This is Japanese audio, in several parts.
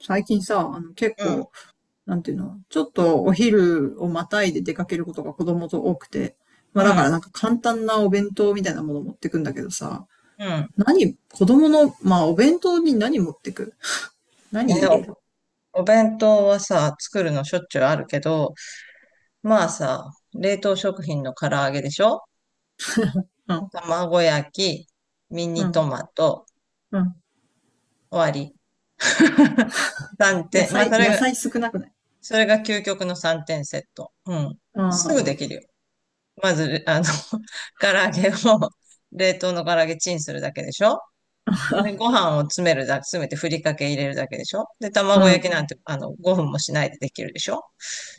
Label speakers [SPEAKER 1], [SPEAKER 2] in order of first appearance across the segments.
[SPEAKER 1] 最近さ、結
[SPEAKER 2] うん、
[SPEAKER 1] 構、なんていうの、ちょっとお昼をまたいで出かけることが子供と多くて、
[SPEAKER 2] う
[SPEAKER 1] まあだから
[SPEAKER 2] ん、
[SPEAKER 1] なんか簡単なお弁当みたいなもの持ってくんだけどさ、
[SPEAKER 2] うん。
[SPEAKER 1] 何、子供の、まあお弁当に何持ってく？何
[SPEAKER 2] え
[SPEAKER 1] 入れ
[SPEAKER 2] お、
[SPEAKER 1] る？
[SPEAKER 2] お弁当はさ、作るのしょっちゅうあるけど、まあさ、冷凍食品の唐揚げでしょ？
[SPEAKER 1] うん、
[SPEAKER 2] 卵焼き、ミ
[SPEAKER 1] う
[SPEAKER 2] ニト
[SPEAKER 1] ん、
[SPEAKER 2] マト、
[SPEAKER 1] うん。
[SPEAKER 2] 終わり。3
[SPEAKER 1] 野
[SPEAKER 2] 点。まあ、
[SPEAKER 1] 菜、
[SPEAKER 2] それ
[SPEAKER 1] 野
[SPEAKER 2] が、
[SPEAKER 1] 菜少なくない？
[SPEAKER 2] それが究極の3点セット。うん。
[SPEAKER 1] う
[SPEAKER 2] すぐ
[SPEAKER 1] ん、
[SPEAKER 2] できるよ。まず、唐揚げを、冷凍の唐揚げチンするだけでしょ？でご飯を詰めてふりかけ入れるだけでしょ。で、
[SPEAKER 1] う
[SPEAKER 2] 卵焼き
[SPEAKER 1] ん、
[SPEAKER 2] なんて、5分もしないでできるでしょ。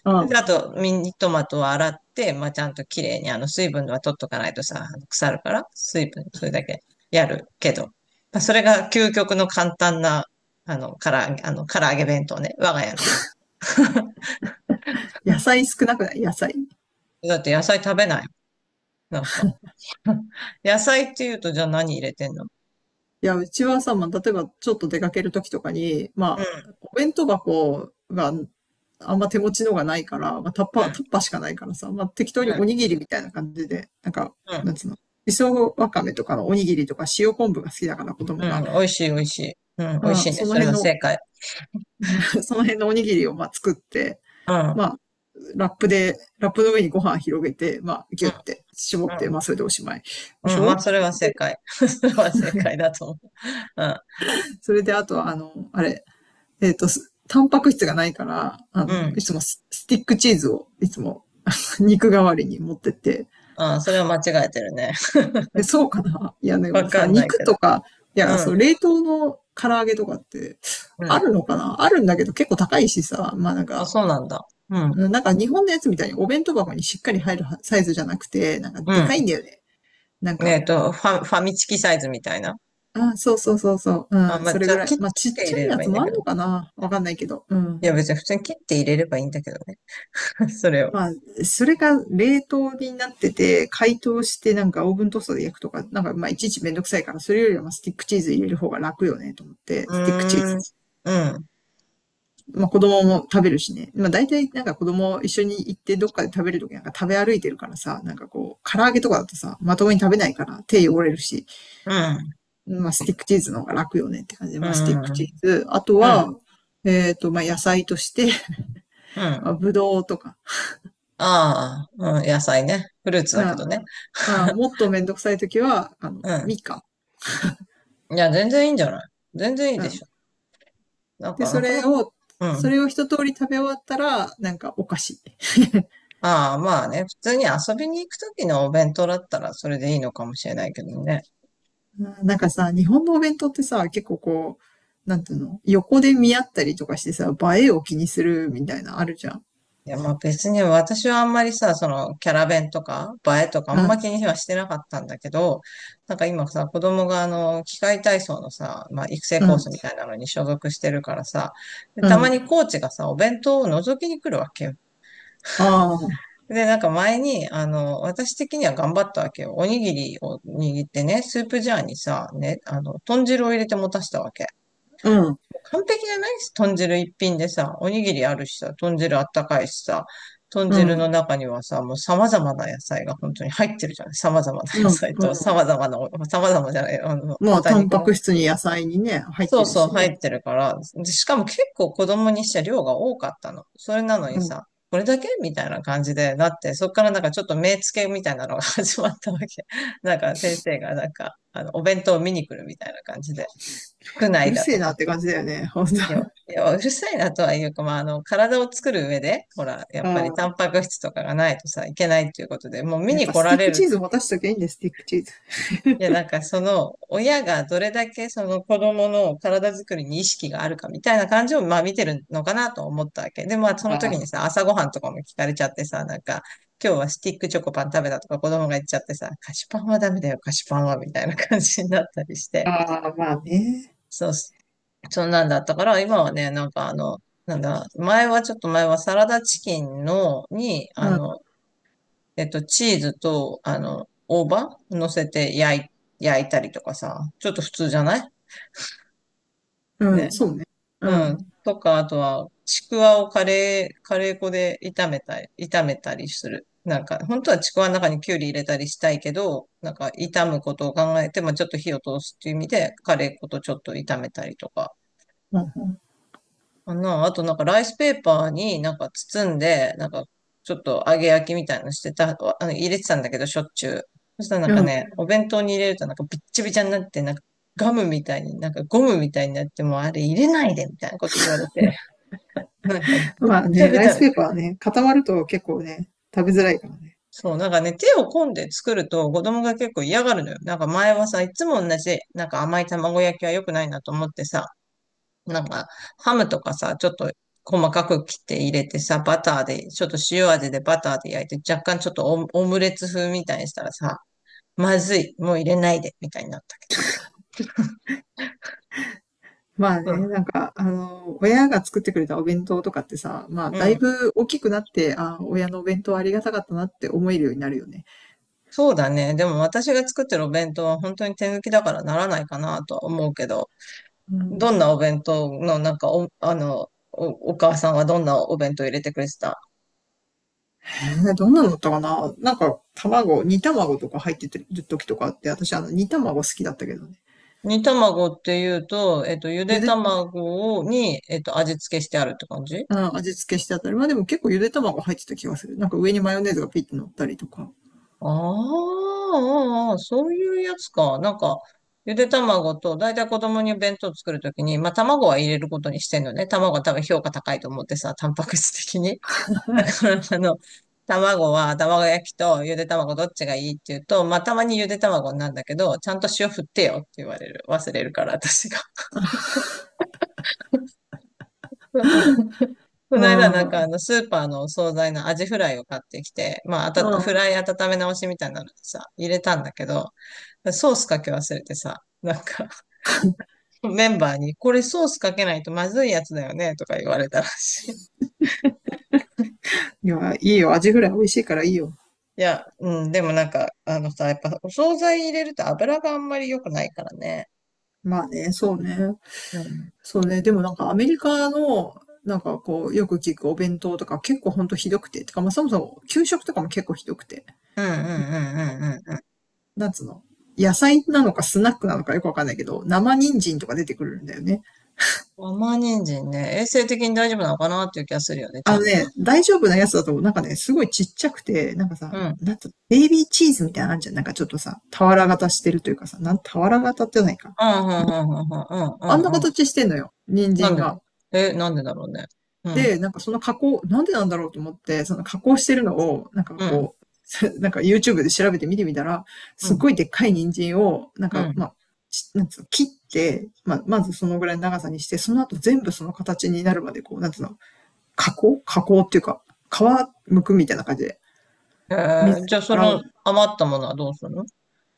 [SPEAKER 1] う
[SPEAKER 2] で、あ
[SPEAKER 1] ん。
[SPEAKER 2] と、ミニトマトを洗って、まあ、ちゃんと綺麗に、水分は取っとかないとさ、あの腐るから、水分、それだけやるけど。まあ、それが究極の簡単な、あの、から揚げ、あの、唐揚げ弁当ね、我が家の。
[SPEAKER 1] 野菜少なくない？野菜。
[SPEAKER 2] だって野菜食べない。なんか。野菜って言うと、じゃあ何入れてんの？
[SPEAKER 1] いや、うちはさ、まあ、例えばちょっと出かけるときとかに、
[SPEAKER 2] うん、
[SPEAKER 1] ま
[SPEAKER 2] う
[SPEAKER 1] あ、お弁当箱がまあんま手持ちのがないから、まあ、タッパーしかないからさ、まあ、適当におに
[SPEAKER 2] ん、
[SPEAKER 1] ぎりみたいな感じで、なんか、
[SPEAKER 2] う
[SPEAKER 1] な
[SPEAKER 2] ん、
[SPEAKER 1] んつうの、磯わかめとかのおにぎりとか塩昆布が好きだから子
[SPEAKER 2] う
[SPEAKER 1] 供
[SPEAKER 2] ん、うん、
[SPEAKER 1] が、
[SPEAKER 2] 美味しい、美味しい。うん、美
[SPEAKER 1] う
[SPEAKER 2] 味し
[SPEAKER 1] ん、
[SPEAKER 2] いね。
[SPEAKER 1] その
[SPEAKER 2] それ
[SPEAKER 1] 辺
[SPEAKER 2] は
[SPEAKER 1] の、
[SPEAKER 2] 正解。
[SPEAKER 1] うん その辺のおにぎりをまあ作って、
[SPEAKER 2] うん。
[SPEAKER 1] まあ、ラップの上にご飯広げて、まあ、ギ
[SPEAKER 2] う
[SPEAKER 1] ュっ
[SPEAKER 2] ん
[SPEAKER 1] て絞っ
[SPEAKER 2] う
[SPEAKER 1] て、まあ、
[SPEAKER 2] ん。
[SPEAKER 1] それでおしまい。でし
[SPEAKER 2] うん。まあ、
[SPEAKER 1] ょ？
[SPEAKER 2] それは正
[SPEAKER 1] で、
[SPEAKER 2] 解。それは正解だと思う。うん。
[SPEAKER 1] それであとは、タンパク質がないから、
[SPEAKER 2] うん。
[SPEAKER 1] いつもスティックチーズをいつも 肉代わりに持ってって、
[SPEAKER 2] ああ、それは間違えてるね。
[SPEAKER 1] で、そうかな、いや、で
[SPEAKER 2] わ
[SPEAKER 1] も
[SPEAKER 2] か
[SPEAKER 1] さ、
[SPEAKER 2] んない
[SPEAKER 1] 肉
[SPEAKER 2] け
[SPEAKER 1] と
[SPEAKER 2] ど。
[SPEAKER 1] か、い
[SPEAKER 2] う
[SPEAKER 1] や、
[SPEAKER 2] ん。
[SPEAKER 1] そう、冷凍の唐揚げとかって、
[SPEAKER 2] う
[SPEAKER 1] あ
[SPEAKER 2] ん。
[SPEAKER 1] るのかな、あるんだけど結構高いしさ、まあなん
[SPEAKER 2] あ、
[SPEAKER 1] か、
[SPEAKER 2] そうなんだ。うん。
[SPEAKER 1] なんか日本のやつみたいにお弁当箱にしっかり入るサイズじゃなくて、なんか
[SPEAKER 2] う
[SPEAKER 1] で
[SPEAKER 2] ん。
[SPEAKER 1] かいんだよね。なん
[SPEAKER 2] ねえ
[SPEAKER 1] か、
[SPEAKER 2] っと、ファ、ファミチキサイズみたいな。
[SPEAKER 1] あ、そうそうそうそう、う
[SPEAKER 2] あ、
[SPEAKER 1] ん、
[SPEAKER 2] まあ、
[SPEAKER 1] それ
[SPEAKER 2] じゃ
[SPEAKER 1] ぐ
[SPEAKER 2] あ、
[SPEAKER 1] らい。
[SPEAKER 2] 切、切
[SPEAKER 1] まあち
[SPEAKER 2] っ
[SPEAKER 1] っ
[SPEAKER 2] て入
[SPEAKER 1] ちゃ
[SPEAKER 2] れ
[SPEAKER 1] い
[SPEAKER 2] れ
[SPEAKER 1] や
[SPEAKER 2] ばいい
[SPEAKER 1] つ
[SPEAKER 2] ん
[SPEAKER 1] も
[SPEAKER 2] だ
[SPEAKER 1] あ
[SPEAKER 2] け
[SPEAKER 1] ん
[SPEAKER 2] ど。
[SPEAKER 1] のかな、わかんないけど、う
[SPEAKER 2] い
[SPEAKER 1] ん。
[SPEAKER 2] や、別に普通に切って入れればいいんだけどね。それを。
[SPEAKER 1] まあ、それが冷凍になってて、解凍してなんかオーブントースターで焼くとか、なんかまあいちいちめんどくさいから、それよりはまあスティックチーズ入れる方が楽よねと思って、
[SPEAKER 2] う
[SPEAKER 1] スティックチー
[SPEAKER 2] ーん。
[SPEAKER 1] ズ。
[SPEAKER 2] うん。
[SPEAKER 1] まあ子供も食べるしね。まあ大体なんか子供一緒に行ってどっかで食べるときなんか食べ歩いてるからさ、なんかこう、唐揚げとかだとさ、まともに食べないから手汚れるし、
[SPEAKER 2] うん。
[SPEAKER 1] まあスティックチーズの方が楽よねって感じで、
[SPEAKER 2] う
[SPEAKER 1] まあスティックチ
[SPEAKER 2] ん。
[SPEAKER 1] ーズ。あと
[SPEAKER 2] うん。
[SPEAKER 1] は、まあ野菜として、
[SPEAKER 2] う
[SPEAKER 1] まあ
[SPEAKER 2] ん。
[SPEAKER 1] ぶどうとか、
[SPEAKER 2] ああ、うん。野菜ね。フルーツ
[SPEAKER 1] うん、
[SPEAKER 2] だけどね。
[SPEAKER 1] まあ もっとめんどくさいときは、
[SPEAKER 2] う
[SPEAKER 1] みかん。
[SPEAKER 2] ん。いや、全然いいんじゃない？全然いい
[SPEAKER 1] う
[SPEAKER 2] でし
[SPEAKER 1] ん。
[SPEAKER 2] ょ。なん
[SPEAKER 1] で、
[SPEAKER 2] か、な
[SPEAKER 1] そ
[SPEAKER 2] かな
[SPEAKER 1] れ
[SPEAKER 2] か、
[SPEAKER 1] を、
[SPEAKER 2] う
[SPEAKER 1] そ
[SPEAKER 2] ん。
[SPEAKER 1] れを一通り食べ終わったら、なんかお菓子。
[SPEAKER 2] ああ、まあね、普通に遊びに行くときのお弁当だったらそれでいいのかもしれないけどね。
[SPEAKER 1] うん。なんかさ、日本のお弁当ってさ、結構こう、なんていうの、横で見合ったりとかしてさ、映えを気にするみたいなあるじゃん。
[SPEAKER 2] いや、まあ別に私はあんまりさ、そのキャラ弁とか映えとかあ
[SPEAKER 1] う
[SPEAKER 2] んま
[SPEAKER 1] ん、
[SPEAKER 2] 気にはしてなかったんだけど、なんか今さ、子供があの、器械体操のさ、まあ育成
[SPEAKER 1] う
[SPEAKER 2] コー
[SPEAKER 1] ん、
[SPEAKER 2] スみたいなのに所属してるからさ、で
[SPEAKER 1] う
[SPEAKER 2] たま
[SPEAKER 1] ん。
[SPEAKER 2] にコーチがさ、お弁当を覗きに来るわけよ。
[SPEAKER 1] ああ、
[SPEAKER 2] で、なんか前に、私的には頑張ったわけよ。おにぎりを握ってね、スープジャーにさ、ね、豚汁を入れて持たせたわけ。
[SPEAKER 1] うん、
[SPEAKER 2] もう完璧じゃない？豚汁一品でさ、おにぎりあるしさ、豚汁あったかいしさ、豚
[SPEAKER 1] う
[SPEAKER 2] 汁の
[SPEAKER 1] ん、
[SPEAKER 2] 中にはさ、もう様々な野菜が本当に入ってるじゃない。様々な
[SPEAKER 1] うん、
[SPEAKER 2] 野菜
[SPEAKER 1] う
[SPEAKER 2] と、
[SPEAKER 1] ん。
[SPEAKER 2] 様々なお、様々じゃない、あの、
[SPEAKER 1] まあ、
[SPEAKER 2] 豚
[SPEAKER 1] タン
[SPEAKER 2] 肉
[SPEAKER 1] パ
[SPEAKER 2] も
[SPEAKER 1] ク質に野菜にね、入っ
[SPEAKER 2] そう
[SPEAKER 1] てる
[SPEAKER 2] そう、
[SPEAKER 1] し
[SPEAKER 2] 入
[SPEAKER 1] ね。
[SPEAKER 2] ってるから。でしかも結構子供にして量が多かったの。それなの
[SPEAKER 1] う
[SPEAKER 2] に
[SPEAKER 1] ん。
[SPEAKER 2] さ、これだけみたいな感じで、だってそっからなんかちょっと目つけみたいなのが 始まったわけ。なんか先生がなんか、お弁当を見に来るみたいな感じで、服
[SPEAKER 1] う
[SPEAKER 2] 内
[SPEAKER 1] る
[SPEAKER 2] だ
[SPEAKER 1] せえ
[SPEAKER 2] と
[SPEAKER 1] な
[SPEAKER 2] か。
[SPEAKER 1] って感じだよね、ほんと。
[SPEAKER 2] いや
[SPEAKER 1] あ
[SPEAKER 2] いやうるさいなとはいうか、まあ、体を作る上で、ほら、やっぱりタ
[SPEAKER 1] あ、
[SPEAKER 2] ンパク質とかがないとさ、いけないっていうことで、もう見
[SPEAKER 1] やっ
[SPEAKER 2] に
[SPEAKER 1] ぱ
[SPEAKER 2] 来
[SPEAKER 1] ス
[SPEAKER 2] ら
[SPEAKER 1] ティッ
[SPEAKER 2] れ
[SPEAKER 1] ク
[SPEAKER 2] る。
[SPEAKER 1] チーズ持たしときゃいいんだよ、スティックチーズ。
[SPEAKER 2] いや、なんかその親がどれだけその子供の体づくりに意識があるかみたいな感じをまあ見てるのかなと思ったわけ。で、まあその時に
[SPEAKER 1] あ
[SPEAKER 2] さ、朝ごはんとかも聞かれちゃってさ、なんか今日はスティックチョコパン食べたとか子供が言っちゃってさ、菓子パンはダメだよ、菓子パンはみたいな感じになったりし
[SPEAKER 1] あ、
[SPEAKER 2] て。
[SPEAKER 1] ああ、まあね。
[SPEAKER 2] そう、そんなんだったから、今はね、なんかあの、なんだ、前はちょっと前はサラダチキンの、に、
[SPEAKER 1] う
[SPEAKER 2] あ
[SPEAKER 1] ん、
[SPEAKER 2] の、えっと、チーズと、大葉乗せて焼い、焼いたりとかさ、ちょっと普通じゃない
[SPEAKER 1] う
[SPEAKER 2] ね。
[SPEAKER 1] ん、そうね。う
[SPEAKER 2] うん。
[SPEAKER 1] ん。
[SPEAKER 2] とか、あとは、ちくわをカレー、カレー粉で炒めたりする。なんか、本当はちくわの中にきゅうり入れたりしたいけど、なんか、炒むことを考えて、まあ、ちょっと火を通すっていう意味で、カレー粉とちょっと炒めたりとか。
[SPEAKER 1] うん。
[SPEAKER 2] かな。あとなんかライスペーパーになんか包んで、なんかちょっと揚げ焼きみたいなのしてた、あの入れてたんだけど、しょっちゅう。そしたらなん
[SPEAKER 1] う
[SPEAKER 2] か
[SPEAKER 1] ん。
[SPEAKER 2] ね、お弁当に入れるとなんかびっちびちゃになって、なんかガムみたいに、なんかゴムみたいになって、もうあれ入れないでみたいなこと言われて、なんかべっ
[SPEAKER 1] まあ
[SPEAKER 2] ちゃ
[SPEAKER 1] ね、
[SPEAKER 2] べ
[SPEAKER 1] ラ
[SPEAKER 2] ち
[SPEAKER 1] イ
[SPEAKER 2] ゃ
[SPEAKER 1] ス
[SPEAKER 2] べち
[SPEAKER 1] ペーパ
[SPEAKER 2] ゃ。
[SPEAKER 1] ーはね、固まると結構ね、食べづらいからね。
[SPEAKER 2] そう、なんかね、手を込んで作ると子供が結構嫌がるのよ。なんか前はさ、いつも同じ、なんか甘い卵焼きは良くないなと思ってさ、なんか、ハムとかさ、ちょっと細かく切って入れてさ、バターで、ちょっと塩味でバターで焼いて、若干ちょっとオムレツ風みたいにしたらさ、まずい、もう入れないで、みたいになったけ
[SPEAKER 1] まあ
[SPEAKER 2] ど
[SPEAKER 1] ね、
[SPEAKER 2] さ。
[SPEAKER 1] なんか、親が作ってくれたお弁当とかってさ、まあ、
[SPEAKER 2] うん。
[SPEAKER 1] だ
[SPEAKER 2] う
[SPEAKER 1] い
[SPEAKER 2] ん。
[SPEAKER 1] ぶ大きくなって、あ、親のお弁当ありがたかったなって思えるようになるよね。
[SPEAKER 2] そうだね。でも私が作ってるお弁当は本当に手抜きだからならないかなとは思うけど、
[SPEAKER 1] う
[SPEAKER 2] どん
[SPEAKER 1] ん。
[SPEAKER 2] なお弁当の、なんかお、あの、お、お母さんはどんなお弁当入れてくれてた？
[SPEAKER 1] どんなのだったかな。なんか、卵、煮卵とか入ってる時とかあって、私、煮卵好きだったけどね。
[SPEAKER 2] 煮卵っていうと、ゆ
[SPEAKER 1] ゆ
[SPEAKER 2] で
[SPEAKER 1] で、
[SPEAKER 2] 卵に、味付けしてあるって感じ？
[SPEAKER 1] うん、味付けしてあったり、まあでも結構ゆで卵入ってた気がする。なんか上にマヨネーズがピッて乗ったりとか。
[SPEAKER 2] あーあー、そういうやつか。なんか、ゆで卵と、だいたい子供に弁当作るときに、まあ卵は入れることにしてんのね。卵は多分評価高いと思ってさ、タンパク質的に。だから、卵は卵焼きとゆで卵どっちがいいって言うと、まあたまにゆで卵なんだけど、ちゃんと塩振ってよって言われる。忘れるから、私が。こ
[SPEAKER 1] う
[SPEAKER 2] の間な
[SPEAKER 1] ん。
[SPEAKER 2] んか
[SPEAKER 1] う
[SPEAKER 2] あ
[SPEAKER 1] ん。
[SPEAKER 2] のスーパーのお惣菜のアジフライを買ってきて、まあ、フライ温め直しみたいなのでさ、入れたんだけど、ソースかけ忘れてさ、なんか メンバーに、これソースかけないとまずいやつだよね、とか言われたらしい。
[SPEAKER 1] いや、いいよ。味ぐらい美味しいからいいよ。
[SPEAKER 2] いや、うん、でもなんか、あのさ、やっぱお惣菜入れると油があんまり良くないからね。
[SPEAKER 1] まあね、そうね。
[SPEAKER 2] うん。
[SPEAKER 1] そうね。でもなんかアメリカの、なんかこう、よく聞くお弁当とか結構ほんとひどくて。てかまあそもそも給食とかも結構ひどくて。
[SPEAKER 2] うんうんうんうんうんう
[SPEAKER 1] なんつうの、野菜なのかスナックなのかよくわかんないけど、生人参とか出てくるんだよね。
[SPEAKER 2] ん。甘人参ね、衛生的に大丈夫なのかなっていう気がするよね、ち
[SPEAKER 1] あ
[SPEAKER 2] ゃ
[SPEAKER 1] の
[SPEAKER 2] んと。
[SPEAKER 1] ね、大丈夫なやつだと、なんかね、すごいちっちゃくて、なんか
[SPEAKER 2] う
[SPEAKER 1] さ、
[SPEAKER 2] ん。
[SPEAKER 1] なんと、ベイビーチーズみたいなのあんじゃん。なんかちょっとさ、俵型してるというかさ、俵型ってないか。
[SPEAKER 2] うん、うん、うん、うん、うん、
[SPEAKER 1] あんな
[SPEAKER 2] うん、うん。
[SPEAKER 1] 形してんのよ。人
[SPEAKER 2] なん
[SPEAKER 1] 参
[SPEAKER 2] でだ？
[SPEAKER 1] が。
[SPEAKER 2] え、なんでだろうね。うん、
[SPEAKER 1] で、なんかその加工、なんでなんだろうと思って、その加工してるのを、なんか
[SPEAKER 2] うん、
[SPEAKER 1] こう、なんか YouTube で調べて見てみたら、
[SPEAKER 2] う
[SPEAKER 1] すっ
[SPEAKER 2] ん、
[SPEAKER 1] ごいでっかい人参を、なん
[SPEAKER 2] う
[SPEAKER 1] か、
[SPEAKER 2] ん。
[SPEAKER 1] まあ、なんつうの、切って、まあ、まずそのぐらいの長さにして、その後全部その形になるまで、こう、なんつうの、加工加工っていうか、皮剥くみたいな感じで、
[SPEAKER 2] えー、
[SPEAKER 1] 水
[SPEAKER 2] じ
[SPEAKER 1] で
[SPEAKER 2] ゃあそ
[SPEAKER 1] 洗う。
[SPEAKER 2] の余ったものはどうするの？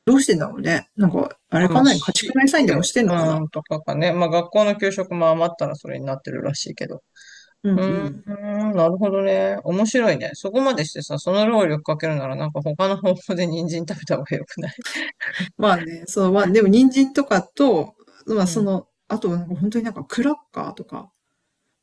[SPEAKER 1] どうしてんだろうね。なんか、あ
[SPEAKER 2] あ、
[SPEAKER 1] れ
[SPEAKER 2] まあ、
[SPEAKER 1] かな、家
[SPEAKER 2] し
[SPEAKER 1] 畜内サイン
[SPEAKER 2] 資
[SPEAKER 1] で
[SPEAKER 2] 料、
[SPEAKER 1] もしてんのか
[SPEAKER 2] う
[SPEAKER 1] な。
[SPEAKER 2] ん、とかかね。まあ学校の給食も余ったらそれになってるらしいけど。
[SPEAKER 1] うん
[SPEAKER 2] う
[SPEAKER 1] う
[SPEAKER 2] ー
[SPEAKER 1] ん。
[SPEAKER 2] ん、なるほどね。面白いね。そこまでしてさ、その労力かけるならなんか他の方法で人参食べた方がよくない？
[SPEAKER 1] まあね、そう、まあ、でも人参とかと、まあ
[SPEAKER 2] う
[SPEAKER 1] そ
[SPEAKER 2] ん。
[SPEAKER 1] の、あとはなんか本当になんかクラッカーとか、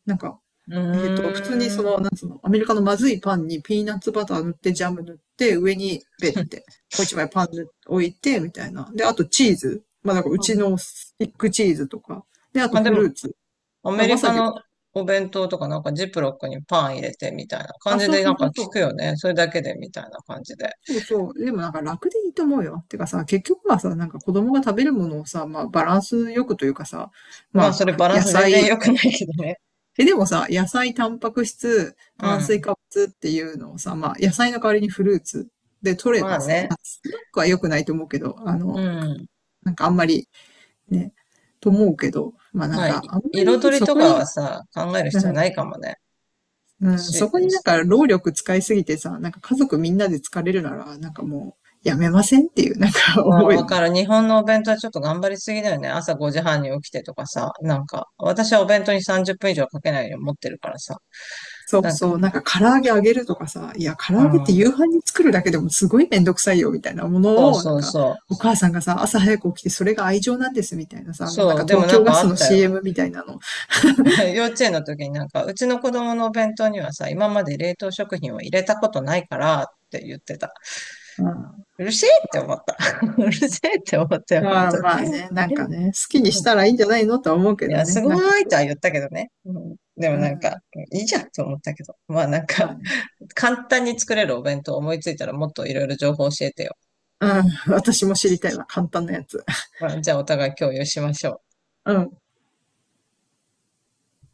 [SPEAKER 1] なんか、
[SPEAKER 2] う
[SPEAKER 1] 普通にそ
[SPEAKER 2] ーん。
[SPEAKER 1] の、なんつうの、アメリカのまずいパンにピーナッツバター塗って、ジャム塗って、上にベッて、もう一枚パン塗って置いて、みたいな。で、あとチーズ。まあ、なんかうちのスティックチーズとか。で、あと
[SPEAKER 2] まあで
[SPEAKER 1] フル
[SPEAKER 2] も、
[SPEAKER 1] ーツ。だか
[SPEAKER 2] ア
[SPEAKER 1] ら
[SPEAKER 2] メ
[SPEAKER 1] ま
[SPEAKER 2] リ
[SPEAKER 1] さ
[SPEAKER 2] カ
[SPEAKER 1] に、
[SPEAKER 2] のお弁当とかなんかジップロックにパン入れてみたいな感
[SPEAKER 1] あ、
[SPEAKER 2] じ
[SPEAKER 1] そう
[SPEAKER 2] でな
[SPEAKER 1] そ
[SPEAKER 2] ん
[SPEAKER 1] うそ
[SPEAKER 2] か
[SPEAKER 1] うそ
[SPEAKER 2] 聞く
[SPEAKER 1] う。
[SPEAKER 2] よね。それだけでみたいな感じで。
[SPEAKER 1] そうそう。でもなんか楽でいいと思うよ。てかさ、結局はさ、なんか子供が食べるものをさ、まあバランスよくというかさ、ま
[SPEAKER 2] まあ
[SPEAKER 1] あ
[SPEAKER 2] それバラン
[SPEAKER 1] 野
[SPEAKER 2] ス全然
[SPEAKER 1] 菜、
[SPEAKER 2] 良くないけどね。
[SPEAKER 1] でもさ、野菜、タンパク質、
[SPEAKER 2] う
[SPEAKER 1] 炭水
[SPEAKER 2] ん。
[SPEAKER 1] 化物っていうのをさ、まあ、野菜の代わりにフルーツで取れ
[SPEAKER 2] まあ
[SPEAKER 1] ばさ、ま
[SPEAKER 2] ね。
[SPEAKER 1] あ、スナックは良くないと思うけど、
[SPEAKER 2] うん。
[SPEAKER 1] なんかあんまりね、と思うけど、まあな
[SPEAKER 2] ま
[SPEAKER 1] ん
[SPEAKER 2] あ、
[SPEAKER 1] か
[SPEAKER 2] い
[SPEAKER 1] あんまり
[SPEAKER 2] 彩り
[SPEAKER 1] そ
[SPEAKER 2] と
[SPEAKER 1] こ
[SPEAKER 2] かは
[SPEAKER 1] に、
[SPEAKER 2] さ、考える
[SPEAKER 1] う
[SPEAKER 2] 必要ない
[SPEAKER 1] ん
[SPEAKER 2] かもね。
[SPEAKER 1] うん、そこになん
[SPEAKER 2] し、
[SPEAKER 1] か労力使いすぎてさ、なんか家族みんなで疲れるなら、なんかもうやめませんっていうなんか思うよ
[SPEAKER 2] わか
[SPEAKER 1] ね。
[SPEAKER 2] る。日本のお弁当はちょっと頑張りすぎだよね。朝5時半に起きてとかさ、なんか、私はお弁当に30分以上かけないように持ってるからさ。
[SPEAKER 1] そう
[SPEAKER 2] なん
[SPEAKER 1] そ
[SPEAKER 2] か、
[SPEAKER 1] う、なんか唐揚げ揚げるとかさ、いや、唐
[SPEAKER 2] う
[SPEAKER 1] 揚げって
[SPEAKER 2] ん。
[SPEAKER 1] 夕飯に作るだけでもすごいめんどくさいよ、みたいなも
[SPEAKER 2] そう
[SPEAKER 1] のを、な
[SPEAKER 2] そ
[SPEAKER 1] ん
[SPEAKER 2] う
[SPEAKER 1] か、
[SPEAKER 2] そう。
[SPEAKER 1] お母さんがさ、朝早く起きてそれが愛情なんです、みたいなさ、なん
[SPEAKER 2] そ
[SPEAKER 1] か
[SPEAKER 2] う、でも
[SPEAKER 1] 東
[SPEAKER 2] な
[SPEAKER 1] 京
[SPEAKER 2] ん
[SPEAKER 1] ガ
[SPEAKER 2] かあっ
[SPEAKER 1] スの
[SPEAKER 2] たよ。
[SPEAKER 1] CM みたいなの。
[SPEAKER 2] 幼稚園の時になんか、うちの子供のお弁当にはさ、今まで冷凍食品を入れたことないからって言ってた。
[SPEAKER 1] うん。あ
[SPEAKER 2] うるせえって思った。うるせえって思ったよ、本
[SPEAKER 1] あ。
[SPEAKER 2] 当
[SPEAKER 1] まあ
[SPEAKER 2] に。
[SPEAKER 1] ね、なん かね、好きに
[SPEAKER 2] う
[SPEAKER 1] し
[SPEAKER 2] ん。
[SPEAKER 1] たらいいんじゃないのとは思うけ
[SPEAKER 2] い
[SPEAKER 1] ど
[SPEAKER 2] や、す
[SPEAKER 1] ね、なんか
[SPEAKER 2] ごい
[SPEAKER 1] そ
[SPEAKER 2] と
[SPEAKER 1] う。
[SPEAKER 2] は言ったけどね。うん、でも
[SPEAKER 1] う
[SPEAKER 2] なんか、
[SPEAKER 1] ん。
[SPEAKER 2] いいじゃんと思ったけど。まあなん
[SPEAKER 1] まあ
[SPEAKER 2] か、
[SPEAKER 1] ね。
[SPEAKER 2] 簡単に作れるお弁当思いついたらもっといろいろ情報教えてよ。
[SPEAKER 1] うん。私も知りたいわ、簡単なやつ。
[SPEAKER 2] まあ、じゃあお互い共有しましょう。
[SPEAKER 1] うん。